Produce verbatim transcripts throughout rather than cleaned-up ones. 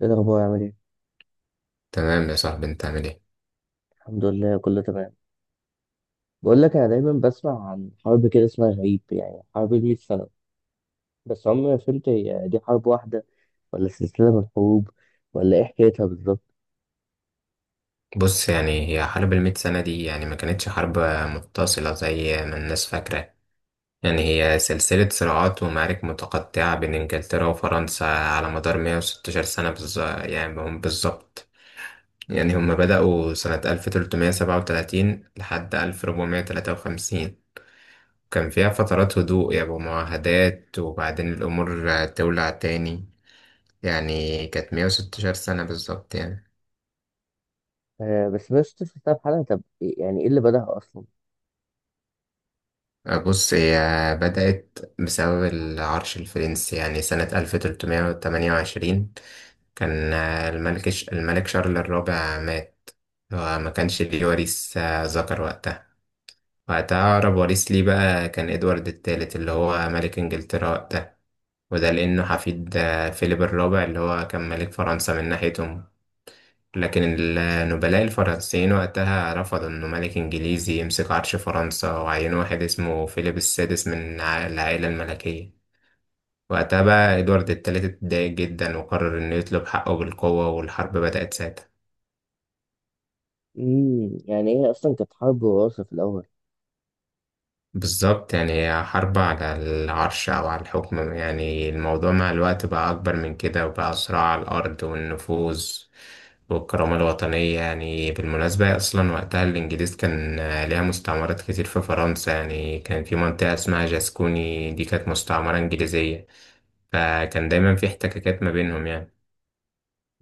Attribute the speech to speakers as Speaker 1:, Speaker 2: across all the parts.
Speaker 1: ايه الاخبار عامل ايه؟
Speaker 2: تمام يا صاحبي، انت عامل ايه؟
Speaker 1: الحمد لله كله تمام. بقول لك انا دايما بسمع عن حرب كده اسمها غريب يعني حرب المية سنه. بس عمري ما فهمت هي دي حرب واحده ولا سلسله من الحروب ولا ايه حكايتها بالظبط؟
Speaker 2: بص، يعني هي حرب المئة سنة دي يعني ما كانتش حرب متصلة زي ما الناس فاكرة. يعني هي سلسلة صراعات ومعارك متقطعة بين انجلترا وفرنسا على مدار 116 سنة بالظ... يعني هم بالظبط. يعني هم بدأوا سنة ألف وتلتمية سبعة وتلاتين لحد ألف وأربعمائة ثلاثة وخمسين. كان فيها فترات هدوء يعني ومعاهدات وبعدين الأمور تولع تاني. يعني كانت 116 سنة بالظبط يعني.
Speaker 1: آه، بس بس شفتها في حلقه. طب إيه- يعني ايه اللي بدأها اصلا؟
Speaker 2: بص، هي بدأت بسبب العرش الفرنسي يعني سنة ألف وتلتمية تمانية وعشرين. كان آه، الملك الملك شارل الرابع مات. هو ما كانش ليه وريث آه، ذكر وقتها. وقتها أقرب وريث ليه بقى كان إدوارد الثالث اللي هو ملك إنجلترا وقتها. وده لأنه حفيد آه، فيليب الرابع اللي هو كان ملك فرنسا من ناحيتهم. لكن النبلاء الفرنسيين وقتها رفضوا إنه ملك إنجليزي يمسك عرش فرنسا، وعينوا واحد اسمه فيليب السادس من ع- العائلة الملكية. وقتها بقى إدوارد الثالث اتضايق جدا وقرر إنه يطلب حقه بالقوة، والحرب بدأت ساعتها.
Speaker 1: امم يعني هي اصلا كانت حرب وراثه في الاول؟
Speaker 2: بالظبط، يعني هي حرب على العرش أو على الحكم، يعني الموضوع مع الوقت بقى أكبر من كده وبقى صراع على الأرض والنفوذ والكرامة الوطنية. يعني بالمناسبة، هي أصلا وقتها الإنجليز كان ليها مستعمرات كتير في فرنسا. يعني كان في منطقة اسمها جاسكوني، دي كانت مستعمرة إنجليزية. فكان دايما في احتكاكات ما بينهم يعني.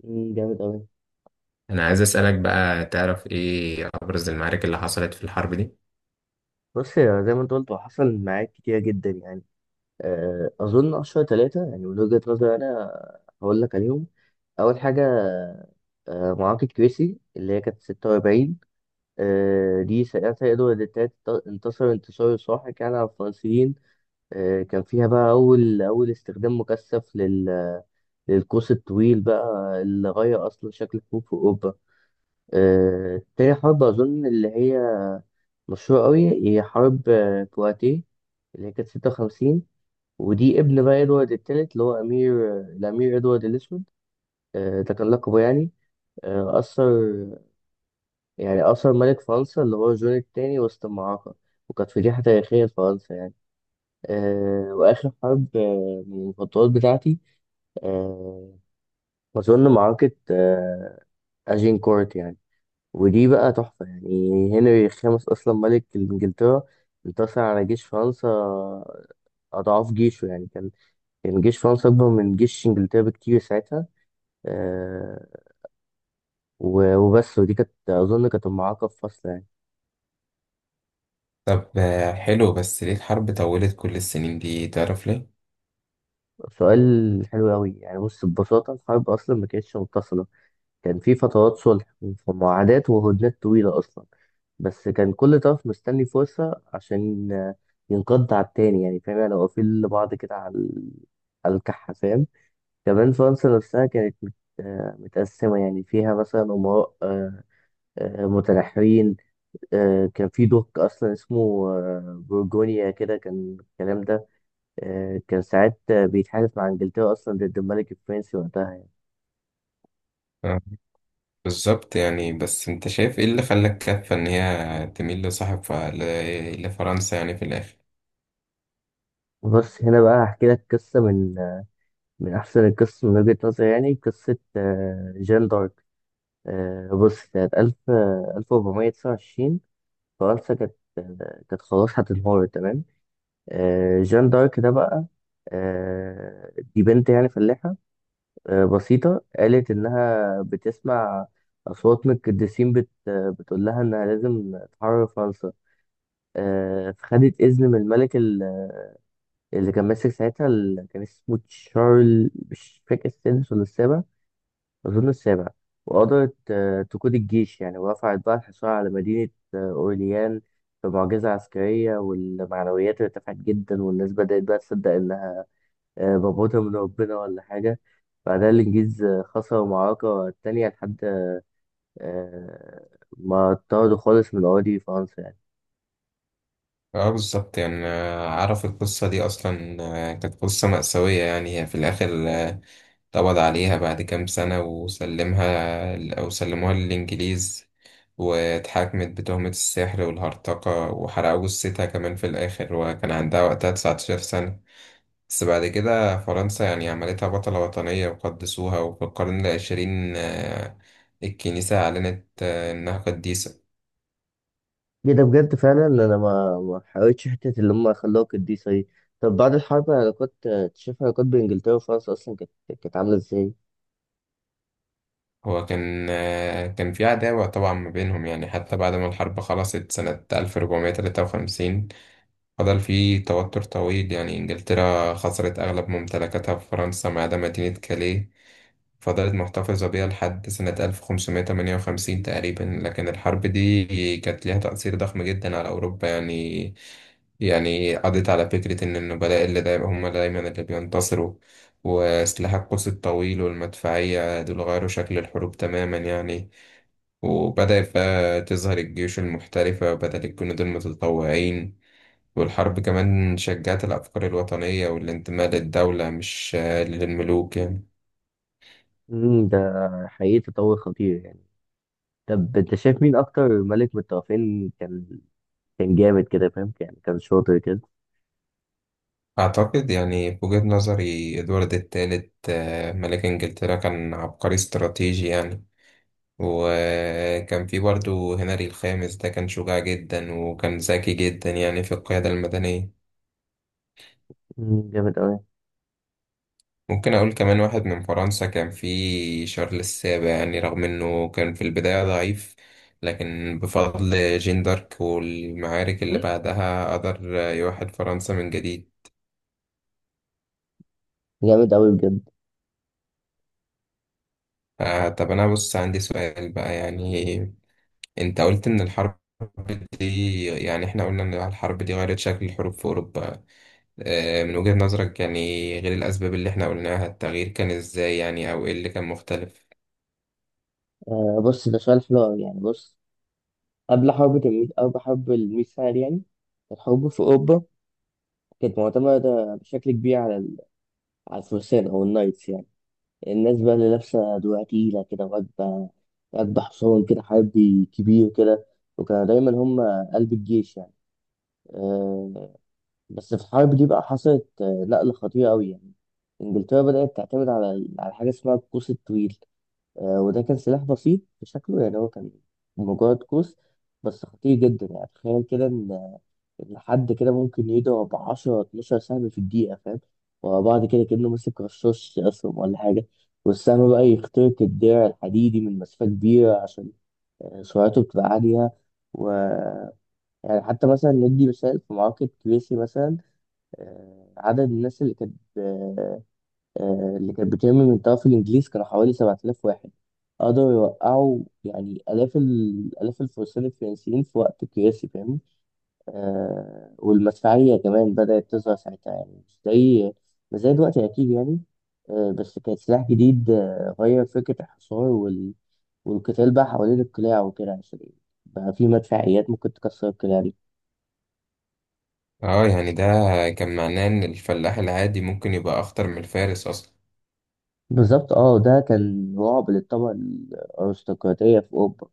Speaker 1: امم جامد قوي.
Speaker 2: أنا عايز أسألك بقى، تعرف إيه أبرز المعارك اللي حصلت في الحرب دي؟
Speaker 1: بص يا، زي ما انت قلت هو حصل معاك كتير جدا يعني. آه، أظن أشهر ثلاثة يعني من وجهة نظري أنا هقول لك عليهم. أول حاجة، آه، معركة كريسي اللي هي كانت ستة وأربعين. آه، دي ساعتها إدوارد التالت انت- انتصر انتصار ساحق يعني على الفرنسيين. آه، كان فيها بقى أول أول استخدام مكثف لل- للقوس الطويل بقى اللي غير أصلا شكل الحروب في أوروبا. آه، تاني حرب أظن اللي هي مشهورة أوي، هي حرب آه، بواتيه، اللي هي كانت ستة وخمسين. ودي ابن بقى ادوارد التالت اللي هو امير الامير ادوارد الاسود. آه، ده كان لقبه يعني. آه، اثر، يعني اثر ملك فرنسا اللي هو جون الثاني وسط المعركه، وكانت فضيحه تاريخيه لفرنسا يعني. آه، واخر حرب آه، من المفضلات بتاعتي. آه، اظن معركه آه، اجينكورت يعني. ودي بقى تحفه يعني. هنري الخامس اصلا ملك انجلترا انتصر على جيش فرنسا اضعاف جيشه يعني. كان كان جيش فرنسا اكبر من جيش انجلترا بكتير ساعتها. آه، و- وبس. ودي كانت أظن كانت أم عقب فصل يعني.
Speaker 2: طب آه، حلو، بس ليه الحرب طولت كل السنين دي، تعرف ليه؟
Speaker 1: سؤال حلو أوي يعني. بص، ببساطة الحرب أصلا ما كانتش متصلة. كان في فترات صلح ومعاهدات وهدنات طويلة أصلا. بس كان كل طرف مستني فرصة عشان آه، ينقض على التاني يعني، فاهم يعني؟ واقفين لبعض كده على ال- على الكحة، فاهم. كمان فرنسا نفسها كانت مت- آه، متقسمة يعني، فيها مثلا أمراء آه، آه، متنحرين. آه، كان في دوك اصلا اسمه آه، بورجونيا كده، كان الكلام ده، آه، كان ساعات آه، بيتحالف مع انجلترا اصلا ضد الملك الفرنسي وقتها يعني.
Speaker 2: بالظبط، يعني بس انت شايف ايه اللي خلاك كفة ان هي تميل لصاحب ف... ل... لفرنسا يعني في الاخر؟
Speaker 1: بس هنا بقى هحكي لك قصه من آه، من احسن القصص من وجهه نظري يعني، قصه آه، جان دارك. آه، بص، سنه ألف آه، ألف وأربعمية تسعة وعشرين، فرنسا كانت كانت خلاص هتنهار تمام. آه، جان دارك ده بقى، آه، دي بنت يعني فلاحه آه، بسيطة، قالت إنها بتسمع أصوات من القديسين بت... بتقول لها إنها لازم تحرر فرنسا. آه، فخدت إذن من الملك ال- اللي كان ماسك ساعتها، اللي كان اسمه تشارل، مش فاكر السادس ولا السابع، أظن السابع. وقدرت آه، تقود الجيش يعني، ورفعت بقى الحصار على مدينة آه، أورليان بمعجزة عسكرية. والمعنويات ارتفعت جدا والناس بدأت بقى تصدق إن آه، بموتها من ربنا ولا حاجة. بعدها الإنجليز آه، خسروا المعركة التانية، لحد آه، ما طردوا خالص من أراضي فرنسا يعني.
Speaker 2: اه بالظبط، يعني آه، اعرف القصة دي اصلا. آه، كانت قصة مأساوية، يعني هي في الاخر آه، اتقبض عليها بعد كام سنة وسلمها ل- او سلموها للانجليز. واتحاكمت بتهمة السحر والهرطقة، وحرقوا جثتها كمان في الاخر، وكان عندها وقتها 19 سنة. بس بعد كده فرنسا يعني عملتها بطلة وطنية وقدسوها، وفي القرن العشرين آه، الكنيسة أعلنت آه، إنها قديسة.
Speaker 1: إيه ده بجد؟ فعلا أنا ما ما حاولتش حتة اللي هم خلوها قديسة دي. طب بعد الحرب العلاقات، آه، شايف العلاقات بين إنجلترا وفرنسا أصلا كانت كانت عاملة إزاي؟
Speaker 2: هو كان آه، كان في عداوة طبعا ما بينهم، يعني حتى بعد ما الحرب خلصت سنة ألف وأربعمية تلاتة وخمسين فضل في توتر طويل. يعني إنجلترا خسرت أغلب ممتلكاتها في فرنسا ما عدا مدينة كاليه، فضلت محتفظة بيها لحد سنة ألف وخمسمائة ثمانية وخمسين تقريبا. لكن الحرب دي كانت ليها تأثير ضخم جدا على أوروبا يعني. يعني قضيت على فكرة إن النبلاء اللي دايما هم دايما اللي بينتصروا، وسلاح القوس الطويل والمدفعية دول غيروا شكل الحروب تماما يعني. وبدأت بقى تظهر الجيوش المحترفة بدل الجنود المتطوعين. والحرب كمان شجعت الأفكار الوطنية والانتماء للدولة، مش آه، للملوك يعني.
Speaker 1: مم، ده حقيقي تطور خطير يعني. طب أنت شايف مين أكتر ملك من الطرفين كان كان جامد كده، فاهم يعني، كان شاطر كده؟
Speaker 2: أعتقد يعني في وجهة نظري إدوارد الثالث ملك إنجلترا كان عبقري استراتيجي يعني. وكان في برضه هنري الخامس، ده كان شجاع جدا وكان ذكي جدا يعني في القيادة المدنية.
Speaker 1: مم، جامد أوي.
Speaker 2: ممكن أقول كمان واحد من فرنسا كان في شارل السابع، يعني رغم إنه كان في البداية ضعيف، لكن بفضل جين دارك والمعارك اللي بعدها قدر يوحد فرنسا من جديد.
Speaker 1: جامد أوي بجد.
Speaker 2: آه طب، أنا بص عندي سؤال بقى يعني. أنت قلت إن الحرب دي، يعني إحنا قلنا إن الحرب دي غيرت شكل الحروب في أوروبا. آه، من وجهة نظرك يعني، غير الأسباب اللي احنا قلناها، التغيير كان ازاي يعني، أو ايه اللي كان مختلف؟
Speaker 1: آه، بص ده سؤال حلو أوي يعني، بص. قبل حرب تمويل، قبل حرب الميثاق يعني، الحروب في أوروبا كانت معتمدة بشكل كبير على ال- على الفرسان أو النايتس يعني. الناس بقى اللي لابسة دروع تقيلة كده، وراكبة راكبة حصان كده حربي كبير كده، وكانوا دايما هم قلب الجيش يعني. أه. بس في الحرب دي بقى حصلت آه، نقلة خطيرة أوي يعني. إنجلترا بدأت تعتمد على ال- على حاجة اسمها القوس الطويل. أه وده كان سلاح بسيط في شكله يعني، هو كان مجرد قوس بس خطير جدا يعني. تخيل كده، لحد كده ممكن يضرب عشرة اتناشر سهم في الدقيقة، فاهم؟ ورا بعض كده كأنه ماسك رشاش أصلا ولا حاجة. والسهم بقى يخترق الدرع الحديدي من مسافة كبيرة عشان آه، سرعته بتبقى عالية. و، يعني حتى مثلا ندي مثال في معركة كريسي مثلا، آه، عدد الناس اللي كانت آه، آه، اللي كانت بترمي من طرف الإنجليز كانوا حوالي سبعة آلاف واحد. قدروا يوقعوا يعني آلاف ال... آلاف الفرسان الفرنسيين في وقت كريسي، فاهم. آه والمدفعية كمان بدأت تظهر ساعتها يعني، مش زي مش زي دلوقتي أكيد يعني. آه بس كان سلاح جديد، آه غير فكرة الحصار وال... والقتال بقى حوالين القلاع وكده، عشان بقى في مدفعيات ممكن تكسر القلاع دي.
Speaker 2: اه يعني ده كان معناه إن الفلاح العادي ممكن يبقى أخطر من الفارس أصلا.
Speaker 1: بالظبط، اه، ده كان رعب للطبقة الأرستقراطية في أوروبا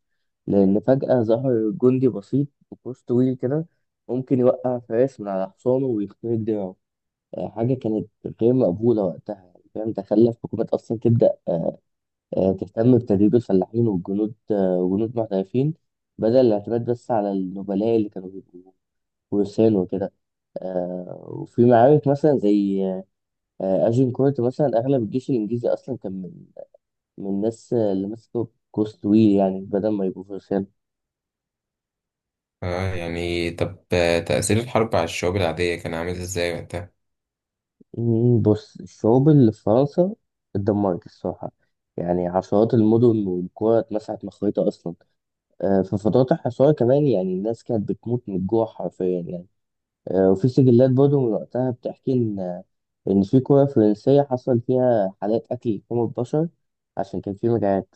Speaker 1: لأن فجأة ظهر جندي بسيط بقوس طويل كده ممكن يوقع فارس من على حصانه ويخترق دراعه. آه، حاجة كانت غير مقبولة وقتها يعني، فاهم. ده خلى الحكومات أصلا تبدأ آه، تهتم بتدريب الفلاحين والجنود، آه، وجنود محترفين بدل الاعتماد بس على النبلاء اللي كانوا بيبقوا فرسان وكده. آه، وفي معارك مثلا زي آه، أجنكورت مثلا، أغلب الجيش الإنجليزي أصلا كان من من الناس آه، اللي مسكوا قوس طويل يعني بدل ما يبقوا فرسان.
Speaker 2: اه يعني طب، آه، تأثير الحرب على الشعوب العادية كان عامل ازاي وقتها؟
Speaker 1: مم، بص الشعوب اللي في فرنسا اتدمرت الصراحة. يعني عشرات المدن والقرى اتمسحت من الخريطة أصلا. آه، في فترات الحصار كمان يعني الناس كانت بتموت من الجوع حرفيا يعني. آه، وفي سجلات برضه من وقتها بتحكي إن إن في قرى فرنسية حصل فيها حالات أكل لحوم البشر عشان كان في مجاعات.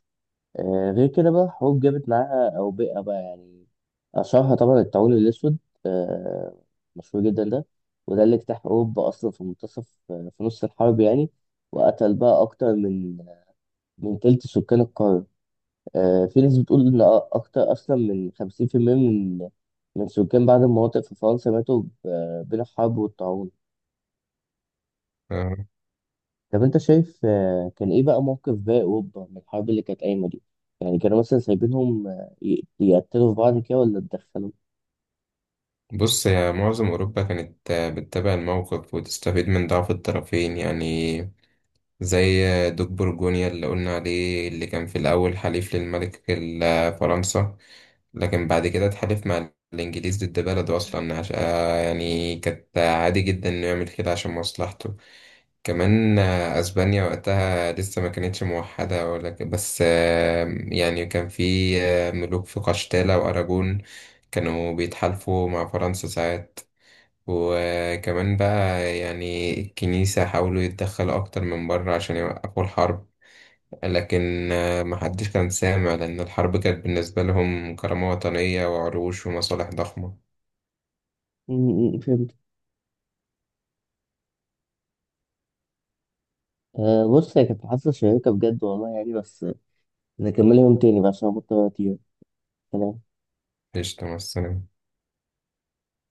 Speaker 1: آه، غير كده بقى الحروب جابت معاها أوبئة بقى يعني، أشهرها طبعا الطاعون الأسود، آه، مشهور جدا ده. وده اللي اجتاح أوروبا أصلا في منتصف، آه، في نص الحرب يعني، وقتل بقى أكتر من من تلت سكان القارة. آه، في ناس بتقول إن أ- أكتر أصلا من خمسين في المية من من سكان بعض المناطق في فرنسا ماتوا ب- آه، بين الحرب والطاعون.
Speaker 2: آه،
Speaker 1: طب انت شايف آه، كان ايه بقى موقف باقي اوروبا من الحرب اللي كانت قايمه دي؟ يعني كانوا مثلا سايبينهم، آه، ي- يقتلوا في بعض كده ولا اتدخلوا؟
Speaker 2: بص يا معظم أوروبا كانت آه، بتتابع الموقف وتستفيد من ضعف الطرفين يعني. زي آه، دوك برجونيا اللي قلنا عليه، اللي كان في الأول حليف للملك ال- آه، فرنسا. لكن بعد كده اتحالف مع الإنجليز ضد بلده أصلا، عشان يعني كانت عادي جدا إنه يعمل كده عشان مصلحته. كمان آه، أسبانيا وقتها لسه ما كانتش موحدة، ولكن بس آه، يعني كان في آه، ملوك في قشتالة وأراجون كانوا بيتحالفوا مع فرنسا ساعات. وكمان بقى يعني الكنيسة حاولوا يتدخلوا أكتر من بره عشان يوقفوا الحرب، لكن آه، محدش كان سامع، لأن الحرب كانت بالنسبة لهم كرامة وطنية وعروش ومصالح ضخمة.
Speaker 1: م- م- فهمت. آه، بص هي كانت محادثه شيقه بجد والله يعني، بس نكملها يوم تاني بقى عشان أنا مضطر اطير. سلام.
Speaker 2: قشطة، مع السلامة.